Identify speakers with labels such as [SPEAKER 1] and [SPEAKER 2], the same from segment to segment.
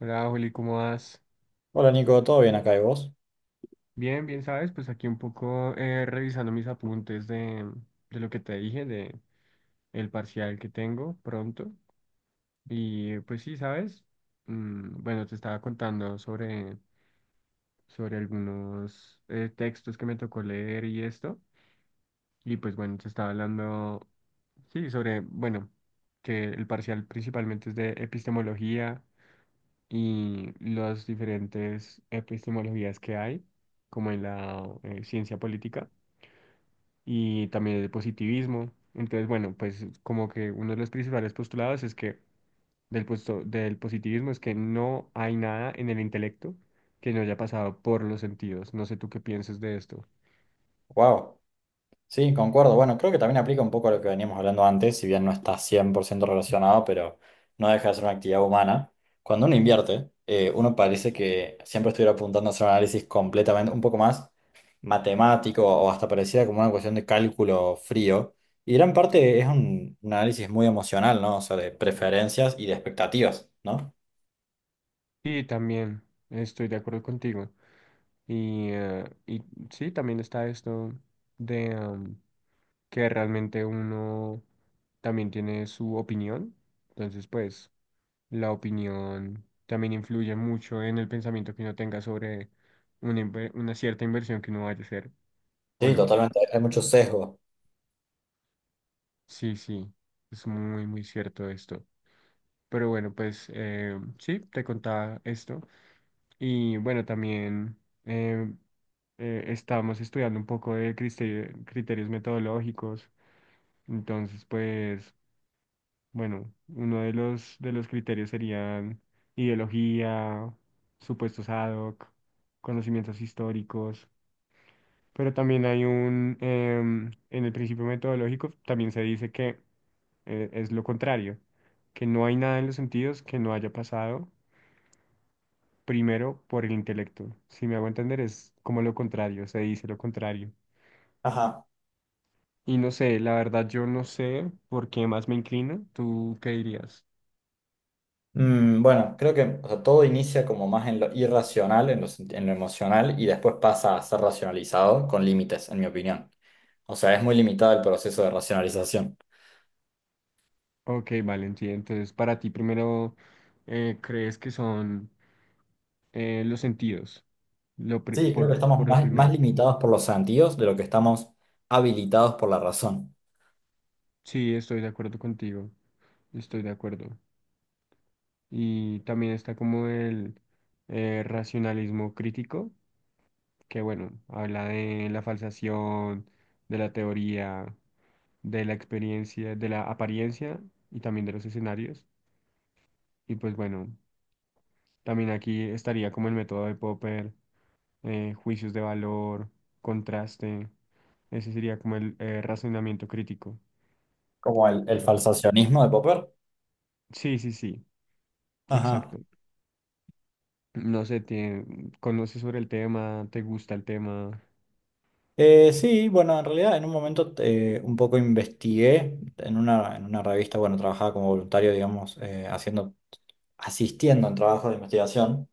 [SPEAKER 1] Hola, Juli, ¿cómo vas?
[SPEAKER 2] Hola Nico, ¿todo bien acá y vos?
[SPEAKER 1] Bien, bien, ¿sabes? Pues aquí un poco revisando mis apuntes de lo que te dije, de el parcial que tengo pronto. Y pues sí, ¿sabes? Mm, bueno, te estaba contando sobre algunos textos que me tocó leer y esto. Y pues bueno, te estaba hablando, sí, sobre, bueno, que el parcial principalmente es de epistemología y las diferentes epistemologías que hay, como en la ciencia política y también el positivismo. Entonces, bueno, pues como que uno de los principales postulados es que del positivismo es que no hay nada en el intelecto que no haya pasado por los sentidos. No sé tú qué pienses de esto.
[SPEAKER 2] Wow, sí, concuerdo. Bueno, creo que también aplica un poco a lo que veníamos hablando antes, si bien no está 100% relacionado, pero no deja de ser una actividad humana. Cuando uno invierte, uno parece que siempre estuviera apuntando a hacer un análisis completamente, un poco más matemático o hasta pareciera como una cuestión de cálculo frío. Y gran parte es un análisis muy emocional, ¿no? O sea, de preferencias y de expectativas, ¿no?
[SPEAKER 1] Y también estoy de acuerdo contigo. Y sí, también está esto de... que realmente uno también tiene su opinión. Entonces, pues, la opinión también influye mucho en el pensamiento que uno tenga sobre una cierta inversión que uno vaya a hacer o
[SPEAKER 2] Sí,
[SPEAKER 1] no.
[SPEAKER 2] totalmente. Hay mucho sesgo.
[SPEAKER 1] Sí, sí, es muy, muy cierto esto. Pero bueno, pues sí, te contaba esto. Y bueno, también eh, estamos estudiando un poco de criterios metodológicos. Entonces, pues... bueno, uno de los criterios serían ideología, supuestos ad hoc, conocimientos históricos, pero también hay un, en el principio metodológico también se dice que es lo contrario, que no hay nada en los sentidos que no haya pasado primero por el intelecto. Si me hago entender, es como lo contrario, se dice lo contrario.
[SPEAKER 2] Ajá.
[SPEAKER 1] Y no sé, la verdad yo no sé por qué más me inclino. ¿Tú qué dirías?
[SPEAKER 2] Bueno, creo que o sea, todo inicia como más en lo irracional, en lo, en lo emocional, y después pasa a ser racionalizado con límites, en mi opinión. O sea, es muy limitado el proceso de racionalización.
[SPEAKER 1] Ok, vale, sí. Entonces, para ti primero, ¿crees que son los sentidos?
[SPEAKER 2] Sí, creo que estamos
[SPEAKER 1] Por lo
[SPEAKER 2] más
[SPEAKER 1] primero.
[SPEAKER 2] limitados por los sentidos de lo que estamos habilitados por la razón,
[SPEAKER 1] Sí, estoy de acuerdo contigo. Estoy de acuerdo. Y también está como el racionalismo crítico, que bueno, habla de la falsación, de la teoría, de la experiencia, de la apariencia y también de los escenarios. Y pues bueno, también aquí estaría como el método de Popper, juicios de valor, contraste. Ese sería como el razonamiento crítico.
[SPEAKER 2] como el
[SPEAKER 1] Pero
[SPEAKER 2] falsacionismo de Popper.
[SPEAKER 1] sí, sí, sí,
[SPEAKER 2] Ajá.
[SPEAKER 1] exacto. No sé, tiene, conoces sobre el tema, te gusta el tema.
[SPEAKER 2] Sí, bueno, en realidad en un momento un poco investigué en en una revista, bueno, trabajaba como voluntario, digamos, asistiendo en trabajos de investigación.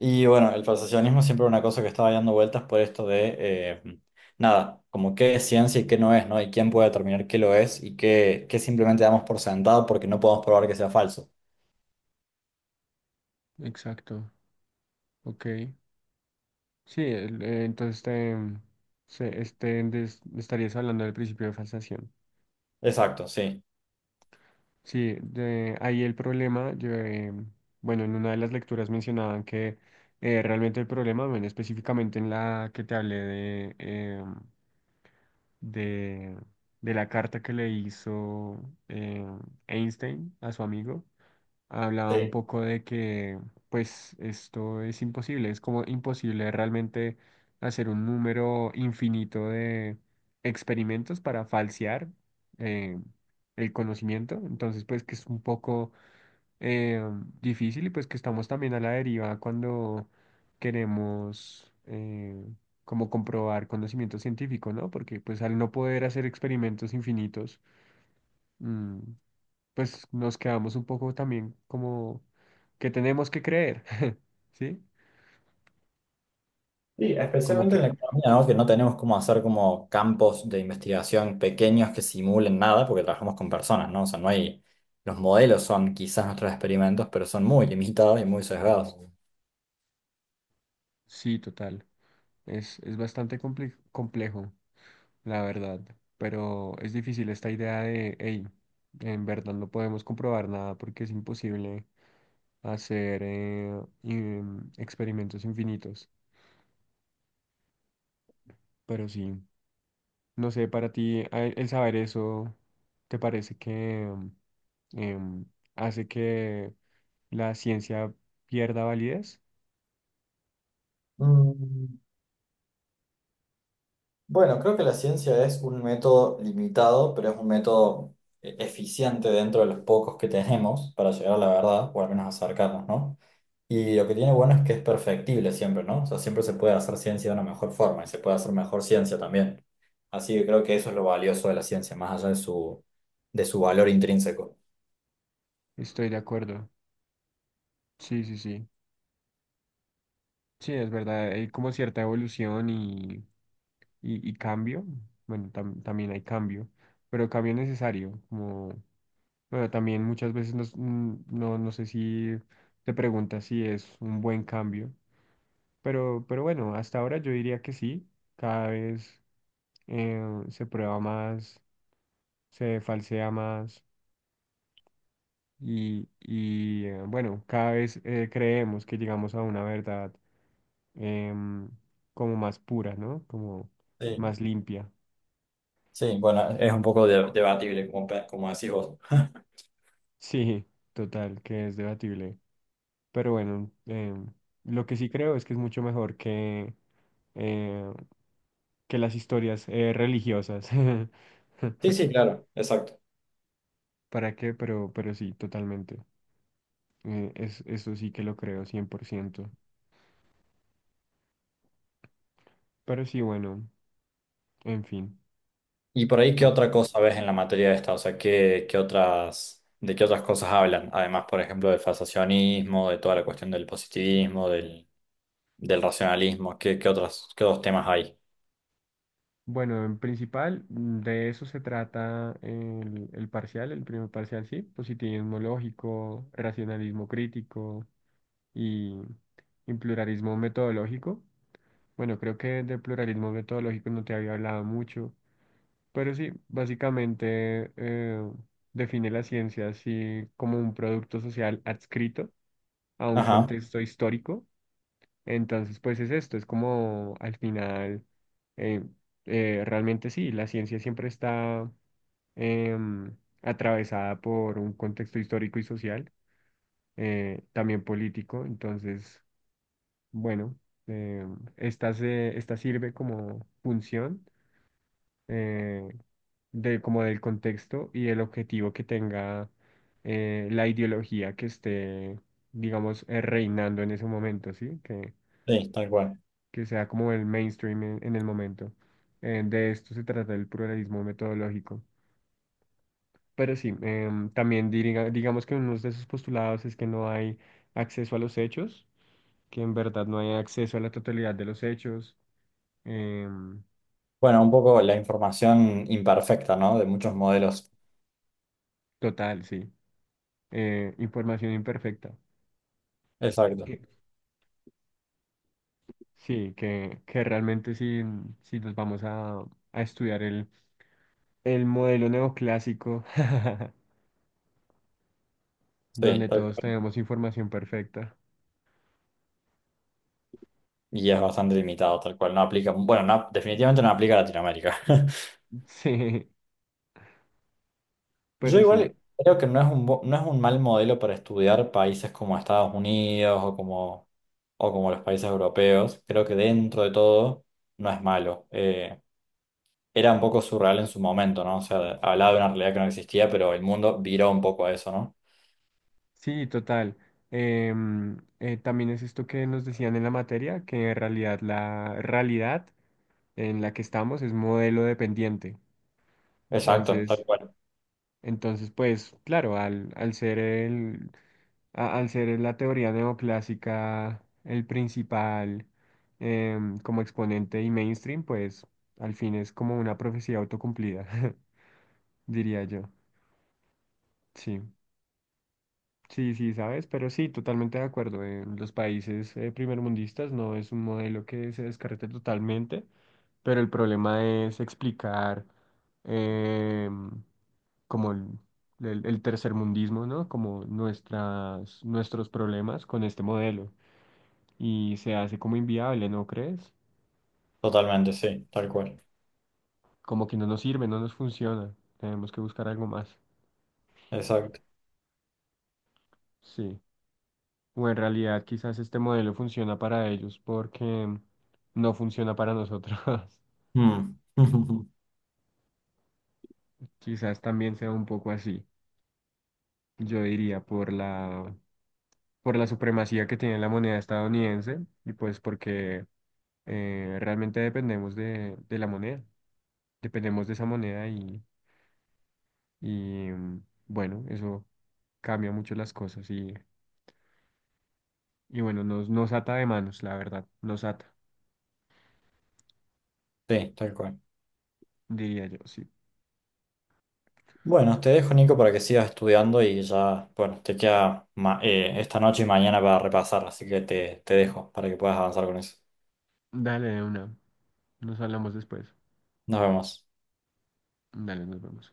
[SPEAKER 2] Y bueno, el falsacionismo siempre era una cosa que estaba dando vueltas por esto de, nada, como qué es ciencia y qué no es, ¿no? Y quién puede determinar qué lo es y qué simplemente damos por sentado porque no podemos probar que sea falso.
[SPEAKER 1] Exacto, ok. Sí, entonces te, se, este, des- estarías hablando del principio de falsación.
[SPEAKER 2] Exacto, sí.
[SPEAKER 1] Sí, de ahí el problema, yo, bueno, en una de las lecturas mencionaban que realmente el problema, bueno, específicamente en la que te hablé de, de la carta que le hizo eh, Einstein a su amigo, hablaba un
[SPEAKER 2] Sí.
[SPEAKER 1] poco de que pues esto es imposible, es como imposible realmente hacer un número infinito de experimentos para falsear eh, el conocimiento, entonces pues que es un poco eh, difícil y pues que estamos también a la deriva cuando queremos como comprobar conocimiento científico, ¿no? Porque pues al no poder hacer experimentos infinitos, mm, pues nos quedamos un poco también como que tenemos que creer, ¿sí?
[SPEAKER 2] Sí,
[SPEAKER 1] Como
[SPEAKER 2] especialmente en
[SPEAKER 1] que
[SPEAKER 2] la economía, ¿no? Que no tenemos cómo hacer como campos de investigación pequeños que simulen nada porque trabajamos con personas, ¿no? O sea, no hay, los modelos son quizás nuestros experimentos, pero son muy limitados y muy sesgados.
[SPEAKER 1] sí, total. Es complejo, la verdad, pero es difícil esta idea de, hey, en verdad no podemos comprobar nada porque es imposible hacer experimentos infinitos, pero sí. No sé, para ti el saber eso, ¿te parece que em, hace que la ciencia pierda validez?
[SPEAKER 2] Mm. Bueno, creo que la ciencia es un método limitado, pero es un método eficiente dentro de los pocos que tenemos para llegar a la verdad, o al menos acercarnos, ¿no? Y lo que tiene bueno es que es perfectible siempre, ¿no? O sea, siempre se puede hacer ciencia de una mejor forma y se puede hacer mejor ciencia también. Así que creo que eso es lo valioso de la ciencia, más allá de su valor intrínseco.
[SPEAKER 1] Estoy de acuerdo. Sí, sí, sí. Sí, es verdad. Hay como cierta evolución y cambio. Bueno, también hay cambio, pero cambio necesario. Como, bueno, también muchas veces no, no sé si te preguntas si es un buen cambio, pero bueno, hasta ahora yo diría que sí. Cada vez eh, se prueba más, se falsea más bueno, cada vez creemos que llegamos a una verdad, em, como más pura, ¿no? Como
[SPEAKER 2] Sí,
[SPEAKER 1] más limpia.
[SPEAKER 2] sí, bueno, es un poco debatible, como, como decís vos.
[SPEAKER 1] Sí, total, que es debatible. Pero bueno, lo que sí creo es que es mucho mejor eh, que las historias religiosas.
[SPEAKER 2] Sí, sí, claro, exacto.
[SPEAKER 1] ¿Para qué? Pero sí, totalmente. Es, eso sí que lo creo, cien por ciento. Pero sí, bueno. En fin.
[SPEAKER 2] Y por ahí, ¿qué otra cosa ves en la materia de esta? O sea, ¿qué, qué otras, de qué otras cosas hablan? Además, por ejemplo, del fasciacionismo, de toda la cuestión del positivismo, del racionalismo, ¿qué, qué otras, qué otros temas hay?
[SPEAKER 1] Bueno, en principal, mm, de eso se trata el parcial, el primer parcial, sí, positivismo lógico, racionalismo crítico y, y pluralismo metodológico. Bueno, creo que de pluralismo metodológico no te había hablado mucho, pero sí, básicamente define la ciencia así como un producto social adscrito a un
[SPEAKER 2] Ajá,
[SPEAKER 1] contexto histórico. Entonces, pues es esto, es como al final, eh, realmente sí, la ciencia siempre está em, atravesada por un contexto histórico y social, también político, entonces, bueno, esta sirve como función eh, como del contexto y el objetivo que tenga la ideología que esté, digamos, reinando en ese momento, ¿sí?
[SPEAKER 2] sí, tal cual.
[SPEAKER 1] Que sea como el mainstream en el momento. De esto se trata el pluralismo metodológico. Pero sí, también diriga digamos que uno de sus postulados es que no hay acceso a los hechos, que en verdad no hay acceso a la totalidad de los hechos. Em,
[SPEAKER 2] Bueno, un poco la información imperfecta, ¿no? De muchos modelos.
[SPEAKER 1] total, sí. Información imperfecta.
[SPEAKER 2] Exacto.
[SPEAKER 1] Que... sí, que realmente si nos vamos a estudiar el modelo neoclásico,
[SPEAKER 2] Sí,
[SPEAKER 1] donde
[SPEAKER 2] tal
[SPEAKER 1] todos
[SPEAKER 2] cual.
[SPEAKER 1] tenemos información perfecta.
[SPEAKER 2] Y es bastante limitado, tal cual. No aplica, bueno, no, definitivamente no aplica a Latinoamérica.
[SPEAKER 1] Sí,
[SPEAKER 2] Yo
[SPEAKER 1] pero sí.
[SPEAKER 2] igual creo que no es un, no es un mal modelo para estudiar países como Estados Unidos o como los países europeos. Creo que dentro de todo no es malo. Era un poco surreal en su momento, ¿no? O sea, hablaba de una realidad que no existía, pero el mundo viró un poco a eso, ¿no?
[SPEAKER 1] Sí, total. Em, también es esto que nos decían en la materia, que en realidad la realidad en la que estamos es modelo dependiente.
[SPEAKER 2] Exacto,
[SPEAKER 1] Entonces,
[SPEAKER 2] tal cual.
[SPEAKER 1] entonces pues claro, al ser el, al ser la teoría neoclásica el principal, como exponente y mainstream, pues al fin es como una profecía autocumplida, diría yo. Sí. Sí, sí, sabes, pero sí, totalmente de acuerdo. En los países primermundistas no es un modelo que se descarte totalmente, pero el problema es explicar em, como el, el tercermundismo, ¿no? Como nuestras, nuestros problemas con este modelo. Y se hace como inviable, ¿no crees?
[SPEAKER 2] Totalmente, sí, tal cual.
[SPEAKER 1] Como que no nos sirve, no nos funciona. Tenemos que buscar algo más.
[SPEAKER 2] Exacto.
[SPEAKER 1] Sí. O en realidad quizás este modelo funciona para ellos porque no funciona para nosotros.
[SPEAKER 2] Mm.
[SPEAKER 1] Quizás también sea un poco así, yo diría, por la supremacía que tiene la moneda estadounidense y pues porque realmente dependemos de la moneda, dependemos de esa moneda bueno, eso cambia mucho las cosas y bueno, nos, nos ata de manos, la verdad, nos ata,
[SPEAKER 2] Sí, tal cual.
[SPEAKER 1] diría yo, sí.
[SPEAKER 2] Bueno, te dejo, Nico, para que sigas estudiando y ya, bueno, te queda esta noche y mañana para repasar, así que te dejo para que puedas avanzar con eso.
[SPEAKER 1] Dale de una, nos hablamos después.
[SPEAKER 2] Nos vemos.
[SPEAKER 1] Dale, nos vemos.